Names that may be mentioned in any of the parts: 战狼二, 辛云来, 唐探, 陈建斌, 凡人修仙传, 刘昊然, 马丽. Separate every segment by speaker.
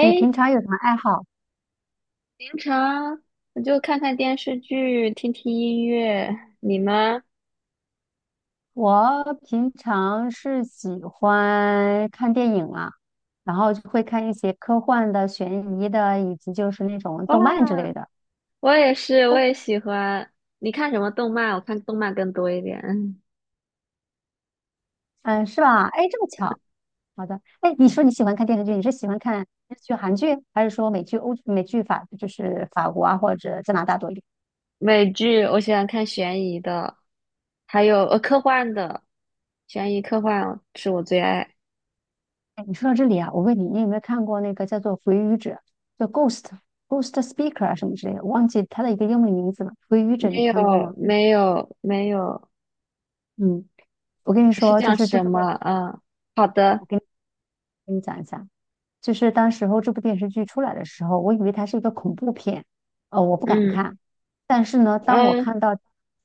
Speaker 1: 你平常有什么爱好？
Speaker 2: 平常我就看看电视剧，听听音乐。你呢？
Speaker 1: 我平常是喜欢看电影啊，然后就会看一些科幻的、悬疑的，以及就是那种
Speaker 2: 哇，
Speaker 1: 动漫之类的。
Speaker 2: 我也是，我也喜欢。你看什么动漫？我看动漫更多一点。
Speaker 1: 嗯，是吧？哎，这么巧。好的。哎，你说你喜欢看电视剧，你是喜欢看日剧、韩剧，还是说美剧、欧美剧法，就是法国啊或者加拿大多一点？
Speaker 2: 美剧我喜欢看悬疑的，还有科幻的，悬疑科幻是我最爱。
Speaker 1: 哎，你说到这里啊，我问你，你有没有看过那个叫做《回语者》叫 Ghost Speaker 啊什么之类的？忘记它的一个英文名字了，《回语者》你
Speaker 2: 没有，
Speaker 1: 看过吗？
Speaker 2: 没有，没有，
Speaker 1: 嗯。我跟你
Speaker 2: 是
Speaker 1: 说，就
Speaker 2: 讲
Speaker 1: 是这
Speaker 2: 什
Speaker 1: 部电视，
Speaker 2: 么？嗯，好的，
Speaker 1: 我跟你讲一下，就是当时候这部电视剧出来的时候，我以为它是一个恐怖片，我不敢
Speaker 2: 嗯
Speaker 1: 看。但是呢，当我
Speaker 2: 嗯，
Speaker 1: 看到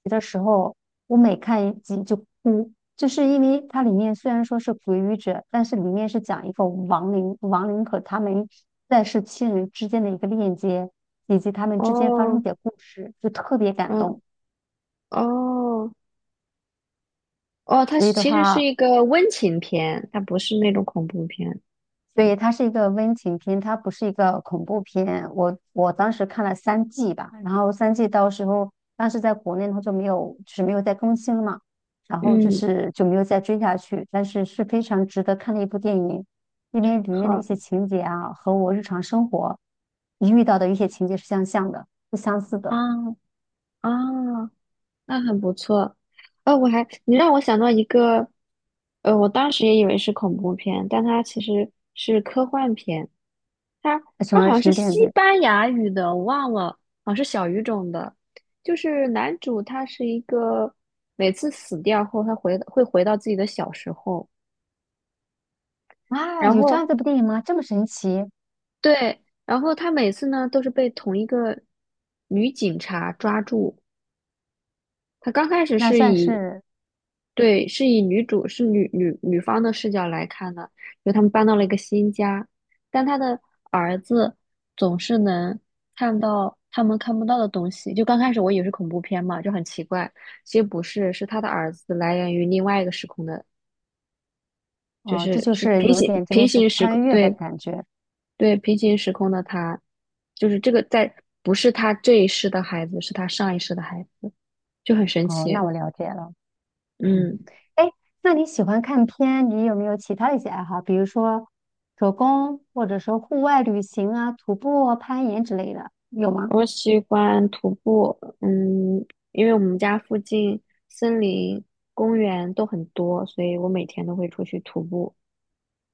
Speaker 1: 的时候，我每看一集就哭，就是因为它里面虽然说是鬼语者，但是里面是讲一个亡灵，亡灵和他们在世亲人之间的一个链接，以及他们之间发
Speaker 2: 哦，
Speaker 1: 生的故事，就特别感
Speaker 2: 嗯
Speaker 1: 动。
Speaker 2: 哦。哦，它
Speaker 1: 所
Speaker 2: 是
Speaker 1: 以的
Speaker 2: 其实是
Speaker 1: 话，
Speaker 2: 一个温情片，它不是那种恐怖片。
Speaker 1: 所以它是一个温情片，它不是一个恐怖片。我当时看了三季吧，然后三季到时候当时在国内它就没有，就是没有再更新了嘛，然后就
Speaker 2: 嗯，
Speaker 1: 是就没有再追下去。但是是非常值得看的一部电影，因为里面的一些
Speaker 2: 好
Speaker 1: 情节啊，和我日常生活遇到的一些情节是相像的，是相似
Speaker 2: 啊
Speaker 1: 的。
Speaker 2: 啊，那很不错。哦，我还你让我想到一个，我当时也以为是恐怖片，但它其实是科幻片。它
Speaker 1: 什
Speaker 2: 它好
Speaker 1: 么
Speaker 2: 像
Speaker 1: 什
Speaker 2: 是
Speaker 1: 么电视
Speaker 2: 西
Speaker 1: 剧
Speaker 2: 班牙语的，我忘了，好像是小语种的。就是男主他是一个每次死掉后，他回会回到自己的小时候。
Speaker 1: 啊？
Speaker 2: 然
Speaker 1: 有这样
Speaker 2: 后
Speaker 1: 的部电影吗？这么神奇？
Speaker 2: 对，然后他每次呢都是被同一个女警察抓住。他刚开始
Speaker 1: 那
Speaker 2: 是
Speaker 1: 算
Speaker 2: 以
Speaker 1: 是
Speaker 2: 对是以女主是女方的视角来看的，就他们搬到了一个新家，但他的儿子总是能看到他们看不到的东西。就刚开始我以为是恐怖片嘛，就很奇怪，其实不是，是他的儿子来源于另外一个时空的，就
Speaker 1: 哦。这
Speaker 2: 是
Speaker 1: 就
Speaker 2: 是
Speaker 1: 是
Speaker 2: 平
Speaker 1: 有
Speaker 2: 行
Speaker 1: 点真的
Speaker 2: 平
Speaker 1: 是
Speaker 2: 行时空，
Speaker 1: 穿越的
Speaker 2: 对
Speaker 1: 感觉
Speaker 2: 对，平行时空的他，就是这个在，不是他这一世的孩子，是他上一世的孩子，就很神
Speaker 1: 哦。
Speaker 2: 奇。
Speaker 1: 那我了解了。嗯。
Speaker 2: 嗯，
Speaker 1: 哎，那你喜欢看片？你有没有其他的一些爱好？比如说手工，或者说户外旅行啊、徒步啊攀岩之类的，有吗？
Speaker 2: 我喜欢徒步，嗯，因为我们家附近森林、公园都很多，所以我每天都会出去徒步。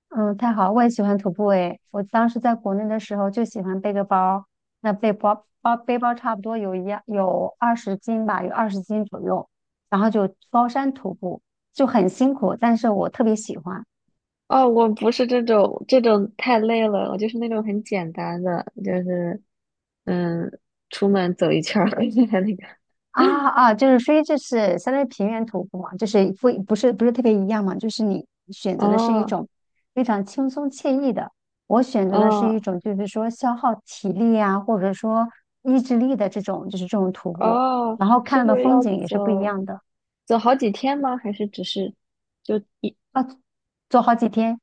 Speaker 1: 嗯，太好了，我也喜欢徒步诶。我当时在国内的时候就喜欢背个包，那背包差不多有一样有二十斤吧，有二十斤左右，然后就高山徒步，就很辛苦，但是我特别喜欢。
Speaker 2: 哦，我不是这种太累了，我就是那种很简单的，就是嗯，出门走一圈儿 那个。
Speaker 1: 啊啊，就是所以就是相当于平原徒步嘛，就是不是特别一样嘛，就是你选择的是一
Speaker 2: 哦
Speaker 1: 种非常轻松惬意的，我选择的是一
Speaker 2: 哦
Speaker 1: 种就是说消耗体力啊，或者说意志力的这种就是这种徒步，
Speaker 2: 哦，
Speaker 1: 然后
Speaker 2: 是
Speaker 1: 看
Speaker 2: 不
Speaker 1: 到的
Speaker 2: 是
Speaker 1: 风
Speaker 2: 要
Speaker 1: 景也是不一
Speaker 2: 走？
Speaker 1: 样的，
Speaker 2: 走好几天吗？还是只是就
Speaker 1: 要走好几天。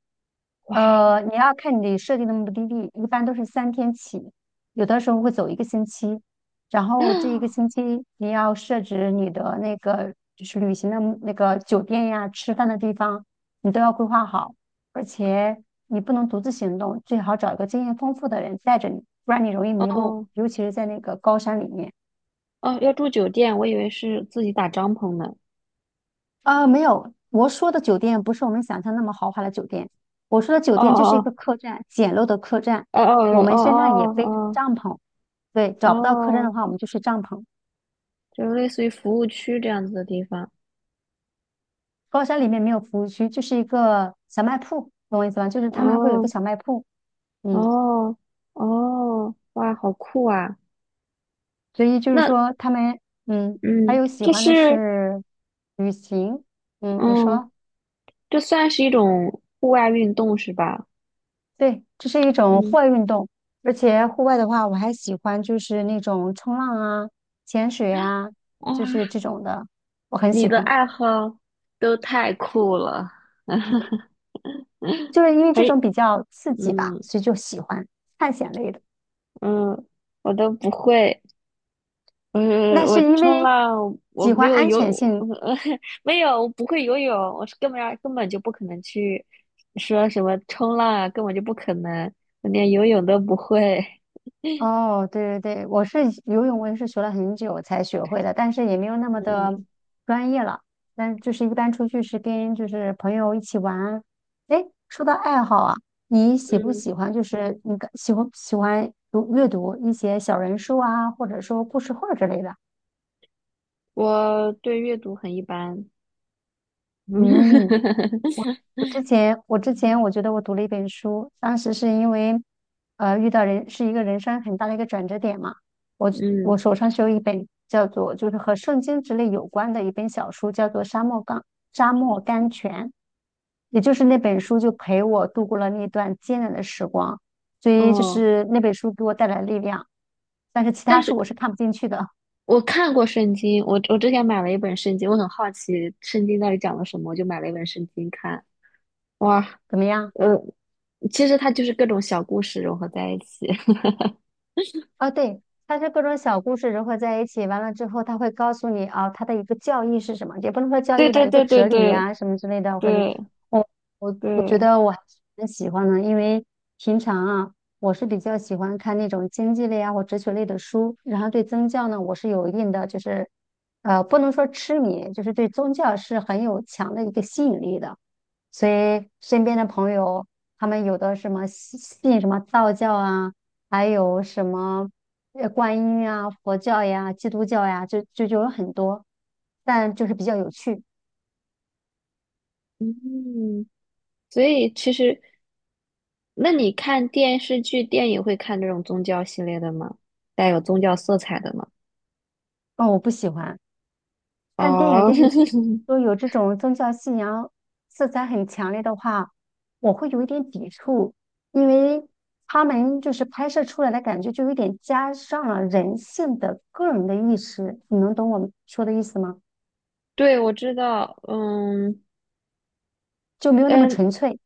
Speaker 2: 哇
Speaker 1: 你要看你设定的目的地，一般都是3天起，有的时候会走一个星期，然后这一个星期你要设置你的那个就是旅行的目那个酒店呀、吃饭的地方，你都要规划好，而且你不能独自行动，最好找一个经验丰富的人带着你，不然你容易迷路，
Speaker 2: 哦
Speaker 1: 尤其是在那个高山里面。
Speaker 2: 哦要住酒店？我以为是自己打帐篷呢。
Speaker 1: 啊，没有，我说的酒店不是我们想象那么豪华的酒店。我说的酒
Speaker 2: 哦
Speaker 1: 店就是一
Speaker 2: 哦
Speaker 1: 个客栈，简陋的客栈。
Speaker 2: 哦
Speaker 1: 我们身上也
Speaker 2: 哦
Speaker 1: 背着
Speaker 2: 哦
Speaker 1: 帐篷，对，
Speaker 2: 哦哦
Speaker 1: 找不到客栈的
Speaker 2: 哦，
Speaker 1: 话，我们就睡帐篷。
Speaker 2: 就类似于服务区这样子的地方。
Speaker 1: 高山里面没有服务区，就是一个小卖铺，懂我意思吧？就是他们会有一个
Speaker 2: 哦
Speaker 1: 小卖铺。嗯，
Speaker 2: 哦哦，哇，好酷啊！
Speaker 1: 所以就是
Speaker 2: 那
Speaker 1: 说他们。嗯，还
Speaker 2: 嗯，
Speaker 1: 有喜
Speaker 2: 这
Speaker 1: 欢的
Speaker 2: 是
Speaker 1: 是旅行。嗯，你
Speaker 2: 嗯，
Speaker 1: 说。
Speaker 2: 这算是一种户外运动是吧？
Speaker 1: 对，这是一种户
Speaker 2: 嗯，
Speaker 1: 外运动，而且户外的话，我还喜欢就是那种冲浪啊、潜水啊，
Speaker 2: 哇，
Speaker 1: 就是这种的，我很
Speaker 2: 你
Speaker 1: 喜
Speaker 2: 的
Speaker 1: 欢。
Speaker 2: 爱好都太酷了。
Speaker 1: 就是因为这
Speaker 2: 嘿，
Speaker 1: 种比较刺激吧，
Speaker 2: 嗯，
Speaker 1: 所以就喜欢探险类的。
Speaker 2: 嗯，我都不会。嗯，
Speaker 1: 那是
Speaker 2: 我
Speaker 1: 因
Speaker 2: 冲
Speaker 1: 为
Speaker 2: 浪，我
Speaker 1: 喜
Speaker 2: 没
Speaker 1: 欢
Speaker 2: 有
Speaker 1: 安
Speaker 2: 游，
Speaker 1: 全性。
Speaker 2: 没有，我不会游泳，我是根本就不可能去说什么冲浪啊根本就不可能，我连游泳都不会。
Speaker 1: 哦，对对对，我是游泳，我也是学了很久才学会的，但是也没有那么的
Speaker 2: 嗯
Speaker 1: 专业了。但就是一般出去是跟就是朋友一起玩。哎，说到爱好啊，你喜不
Speaker 2: 嗯，
Speaker 1: 喜欢就是你感喜欢读阅读一些小人书啊，或者说故事会儿之类的？
Speaker 2: 我对阅读很一般。
Speaker 1: 嗯。我之前我觉得我读了一本书，当时是因为，遇到人是一个人生很大的一个转折点嘛。我我
Speaker 2: 嗯
Speaker 1: 手上是有一本叫做就是和圣经之类有关的一本小书，叫做沙漠甘泉》，也就是那本书就陪我度过了那段艰难的时光，所以就
Speaker 2: 哦，
Speaker 1: 是那本书给我带来力量。但是其他
Speaker 2: 但是
Speaker 1: 书我是看不进去的。
Speaker 2: 我看过圣经，我之前买了一本圣经，我很好奇圣经到底讲了什么，我就买了一本圣经看。哇。
Speaker 1: 怎么样？
Speaker 2: 呃，其实它就是各种小故事融合在一起。
Speaker 1: 啊，对，它是各种小故事融合在一起，完了之后，它会告诉你啊，它的一个教义是什么，也不能说教
Speaker 2: 对
Speaker 1: 义吧，
Speaker 2: 对
Speaker 1: 一个
Speaker 2: 对对
Speaker 1: 哲理
Speaker 2: 对
Speaker 1: 呀、什么之类的。我跟你，
Speaker 2: 对
Speaker 1: 我我觉
Speaker 2: 对，
Speaker 1: 得我还是很喜欢的，因为平常啊，我是比较喜欢看那种经济类啊或哲学类的书，然后对宗教呢，我是有一定的就是，不能说痴迷，就是对宗教是很有强的一个吸引力的。所以身边的朋友，他们有的什么信什么道教啊，还有什么。观音呀、佛教呀、基督教呀，就有很多，但就是比较有趣。
Speaker 2: 嗯，所以其实，那你看电视剧、电影会看这种宗教系列的吗？带有宗教色彩的吗？
Speaker 1: 哦，我不喜欢看电影
Speaker 2: 哦，
Speaker 1: 电视剧，都有这种宗教信仰色彩很强烈的话，我会有一点抵触，因为他们就是拍摄出来的感觉就有点加上了人性的个人的意识，你能懂我说的意思吗？
Speaker 2: 对，我知道，嗯
Speaker 1: 就没有那么
Speaker 2: 嗯
Speaker 1: 纯粹，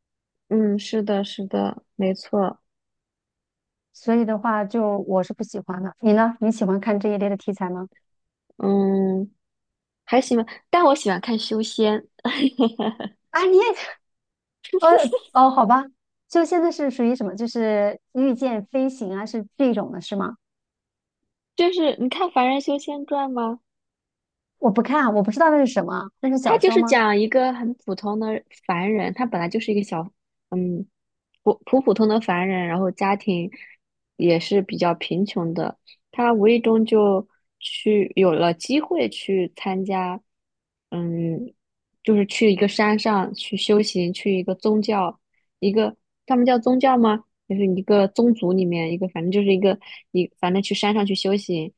Speaker 2: 嗯，是的，是的，没错，
Speaker 1: 所以的话就我是不喜欢的。你呢？你喜欢看这一类的题材吗？
Speaker 2: 嗯，还行吧，但我喜欢看修仙。
Speaker 1: 啊，你也哦，好吧，就现在是属于什么？就是御剑飞行啊，是这种的，是吗？
Speaker 2: 就是你看《凡人修仙传》吗？
Speaker 1: 我不看，我不知道那是什么，那是
Speaker 2: 他
Speaker 1: 小
Speaker 2: 就
Speaker 1: 说
Speaker 2: 是
Speaker 1: 吗？
Speaker 2: 讲一个很普通的凡人，他本来就是一个小，嗯，普通的凡人，然后家庭也是比较贫穷的，他无意中就去有了机会去参加，嗯，就是去一个山上去修行，去一个宗教，一个他们叫宗教吗？就是一个宗族里面一个，反正就是一个一，反正去山上去修行。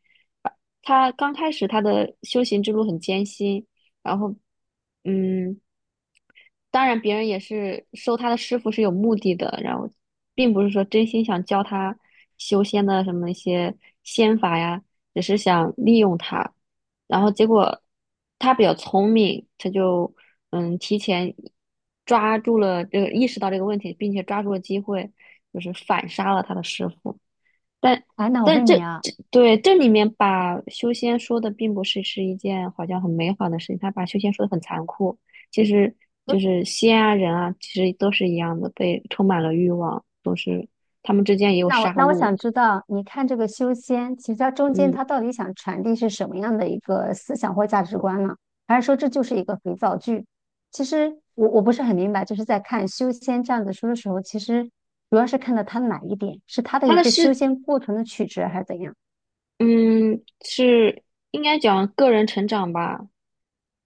Speaker 2: 他刚开始他的修行之路很艰辛，然后，嗯，当然别人也是收他的师傅是有目的的，然后并不是说真心想教他修仙的什么一些仙法呀，只是想利用他。然后结果他比较聪明，他就提前抓住了这个意识到这个问题，并且抓住了机会，就是反杀了他的师傅。但
Speaker 1: 哎，那我
Speaker 2: 但
Speaker 1: 问
Speaker 2: 这
Speaker 1: 你啊，
Speaker 2: 这对这里面把修仙说的并不是是一件好像很美好的事情，他把修仙说的很残酷，其实就是仙啊人啊，其实都是一样的，被充满了欲望，都是他们之间也有
Speaker 1: 那我
Speaker 2: 杀
Speaker 1: 那我想
Speaker 2: 戮。
Speaker 1: 知道，你看这个修仙，其实它中间
Speaker 2: 嗯，
Speaker 1: 它到底想传递是什么样的一个思想或价值观呢？还是说这就是一个肥皂剧？其实我不是很明白，就是在看修仙这样子书的时候，其实主要是看到它哪一点，是它的
Speaker 2: 他
Speaker 1: 一
Speaker 2: 的
Speaker 1: 个修
Speaker 2: 是
Speaker 1: 仙过程的曲折，还是怎样？
Speaker 2: 嗯是应该讲个人成长吧，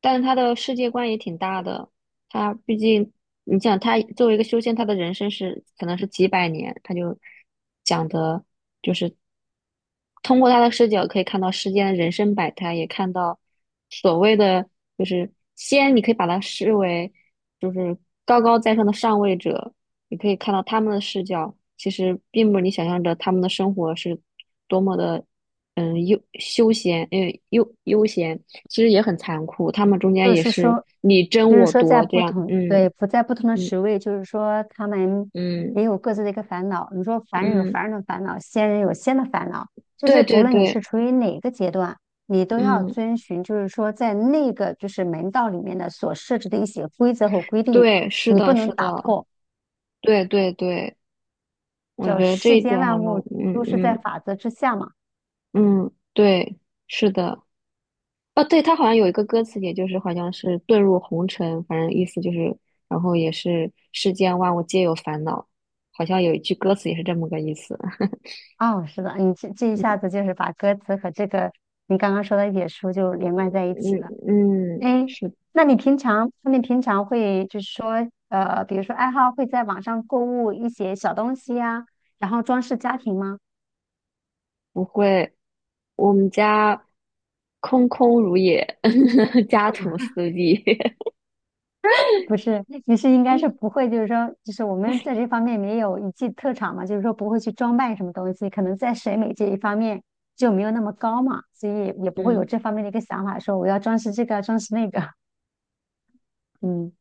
Speaker 2: 但是他的世界观也挺大的，他毕竟你想他作为一个修仙，他的人生是可能是几百年，他就讲的。通过他的视角可以看到世间的人生百态，也看到所谓的就是仙，你可以把它视为就是高高在上的上位者，你可以看到他们的视角，其实并不是你想象着他们的生活是多么的悠休闲，嗯，悠悠闲，其实也很残酷，他们中间
Speaker 1: 就
Speaker 2: 也
Speaker 1: 是
Speaker 2: 是
Speaker 1: 说，
Speaker 2: 你争
Speaker 1: 就是
Speaker 2: 我
Speaker 1: 说，在
Speaker 2: 夺这
Speaker 1: 不
Speaker 2: 样，
Speaker 1: 同，
Speaker 2: 嗯
Speaker 1: 对，不在不同的
Speaker 2: 嗯
Speaker 1: 职位，就是说，他们
Speaker 2: 嗯
Speaker 1: 也有各自的一个烦恼。你说凡人有
Speaker 2: 嗯，
Speaker 1: 凡人的烦恼，仙人有仙的烦恼，就是
Speaker 2: 对
Speaker 1: 不
Speaker 2: 对
Speaker 1: 论你是
Speaker 2: 对，
Speaker 1: 处于哪个阶段，你都要
Speaker 2: 嗯
Speaker 1: 遵循，就是说，在那个就是门道里面的所设置的一些规则和规定，
Speaker 2: 对，是
Speaker 1: 你不
Speaker 2: 的是
Speaker 1: 能打
Speaker 2: 的，
Speaker 1: 破。
Speaker 2: 对对对。我
Speaker 1: 叫
Speaker 2: 觉得这
Speaker 1: 世
Speaker 2: 一
Speaker 1: 间
Speaker 2: 点还
Speaker 1: 万
Speaker 2: 蛮，
Speaker 1: 物
Speaker 2: 嗯
Speaker 1: 都是在
Speaker 2: 嗯
Speaker 1: 法则之下嘛。
Speaker 2: 嗯，对，是的，哦，对，他好像有一个歌词，也就是好像是遁入红尘，反正意思就是，然后也是世间万物皆有烦恼，好像有一句歌词也是这么个意思。
Speaker 1: 哦，是的，你这一下 子就是把歌词和这个你刚刚说的野书就连贯在一起
Speaker 2: 嗯
Speaker 1: 了。
Speaker 2: 嗯，
Speaker 1: 哎，
Speaker 2: 是
Speaker 1: 那你平常会就是说，比如说爱好会在网上购物一些小东西呀，然后装饰家庭吗？
Speaker 2: 不会，我们家空空如也，家徒 四壁。
Speaker 1: 不是，你是应该是不 会，就是说，就是我们在这方面没有一技特长嘛，就是说不会去装扮什么东西，可能在审美这一方面就没有那么高嘛，所以也不会有
Speaker 2: 嗯。
Speaker 1: 这方面的一个想法，说我要装饰这个，装饰那个。嗯，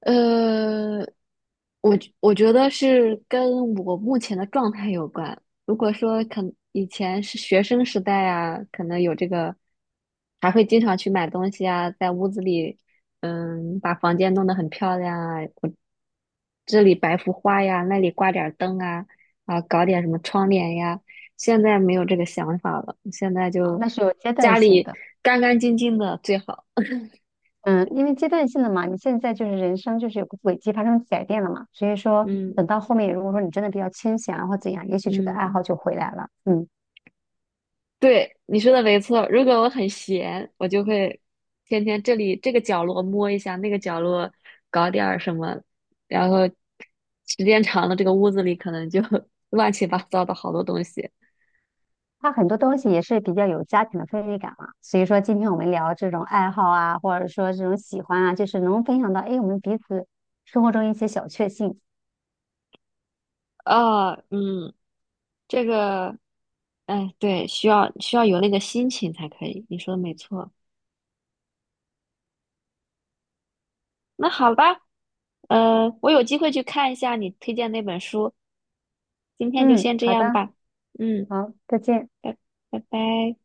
Speaker 2: 呃，我觉得是跟我目前的状态有关。如果说可能以前是学生时代啊，可能有这个，还会经常去买东西啊，在屋子里，嗯，把房间弄得很漂亮啊，我这里摆幅画呀，那里挂点儿灯啊，啊，搞点什么窗帘呀。现在没有这个想法了，现在
Speaker 1: 好，
Speaker 2: 就
Speaker 1: 那是有阶段
Speaker 2: 家
Speaker 1: 性
Speaker 2: 里
Speaker 1: 的。
Speaker 2: 干干净净的最好。
Speaker 1: 嗯，因为阶段性的嘛，你现在就是人生就是有个轨迹发生改变了嘛，所以说等
Speaker 2: 嗯
Speaker 1: 到后面，如果说你真的比较清闲啊或怎样，也许这个
Speaker 2: 嗯。
Speaker 1: 爱
Speaker 2: 嗯
Speaker 1: 好就回来了。嗯，
Speaker 2: 对，你说的没错。如果我很闲，我就会天天这里这个角落摸一下，那个角落搞点儿什么，然后时间长了，这个屋子里可能就 乱七八糟的好多东西。
Speaker 1: 它很多东西也是比较有家庭的氛围感嘛，所以说今天我们聊这种爱好啊，或者说这种喜欢啊，就是能分享到，哎，我们彼此生活中一些小确幸。
Speaker 2: 啊，嗯，这个，哎，对，需要需要有那个心情才可以。你说的没错。那好吧，呃，我有机会去看一下你推荐那本书。今天就
Speaker 1: 嗯，
Speaker 2: 先这
Speaker 1: 好
Speaker 2: 样
Speaker 1: 的，
Speaker 2: 吧。嗯，
Speaker 1: 好，再见。
Speaker 2: 拜拜拜。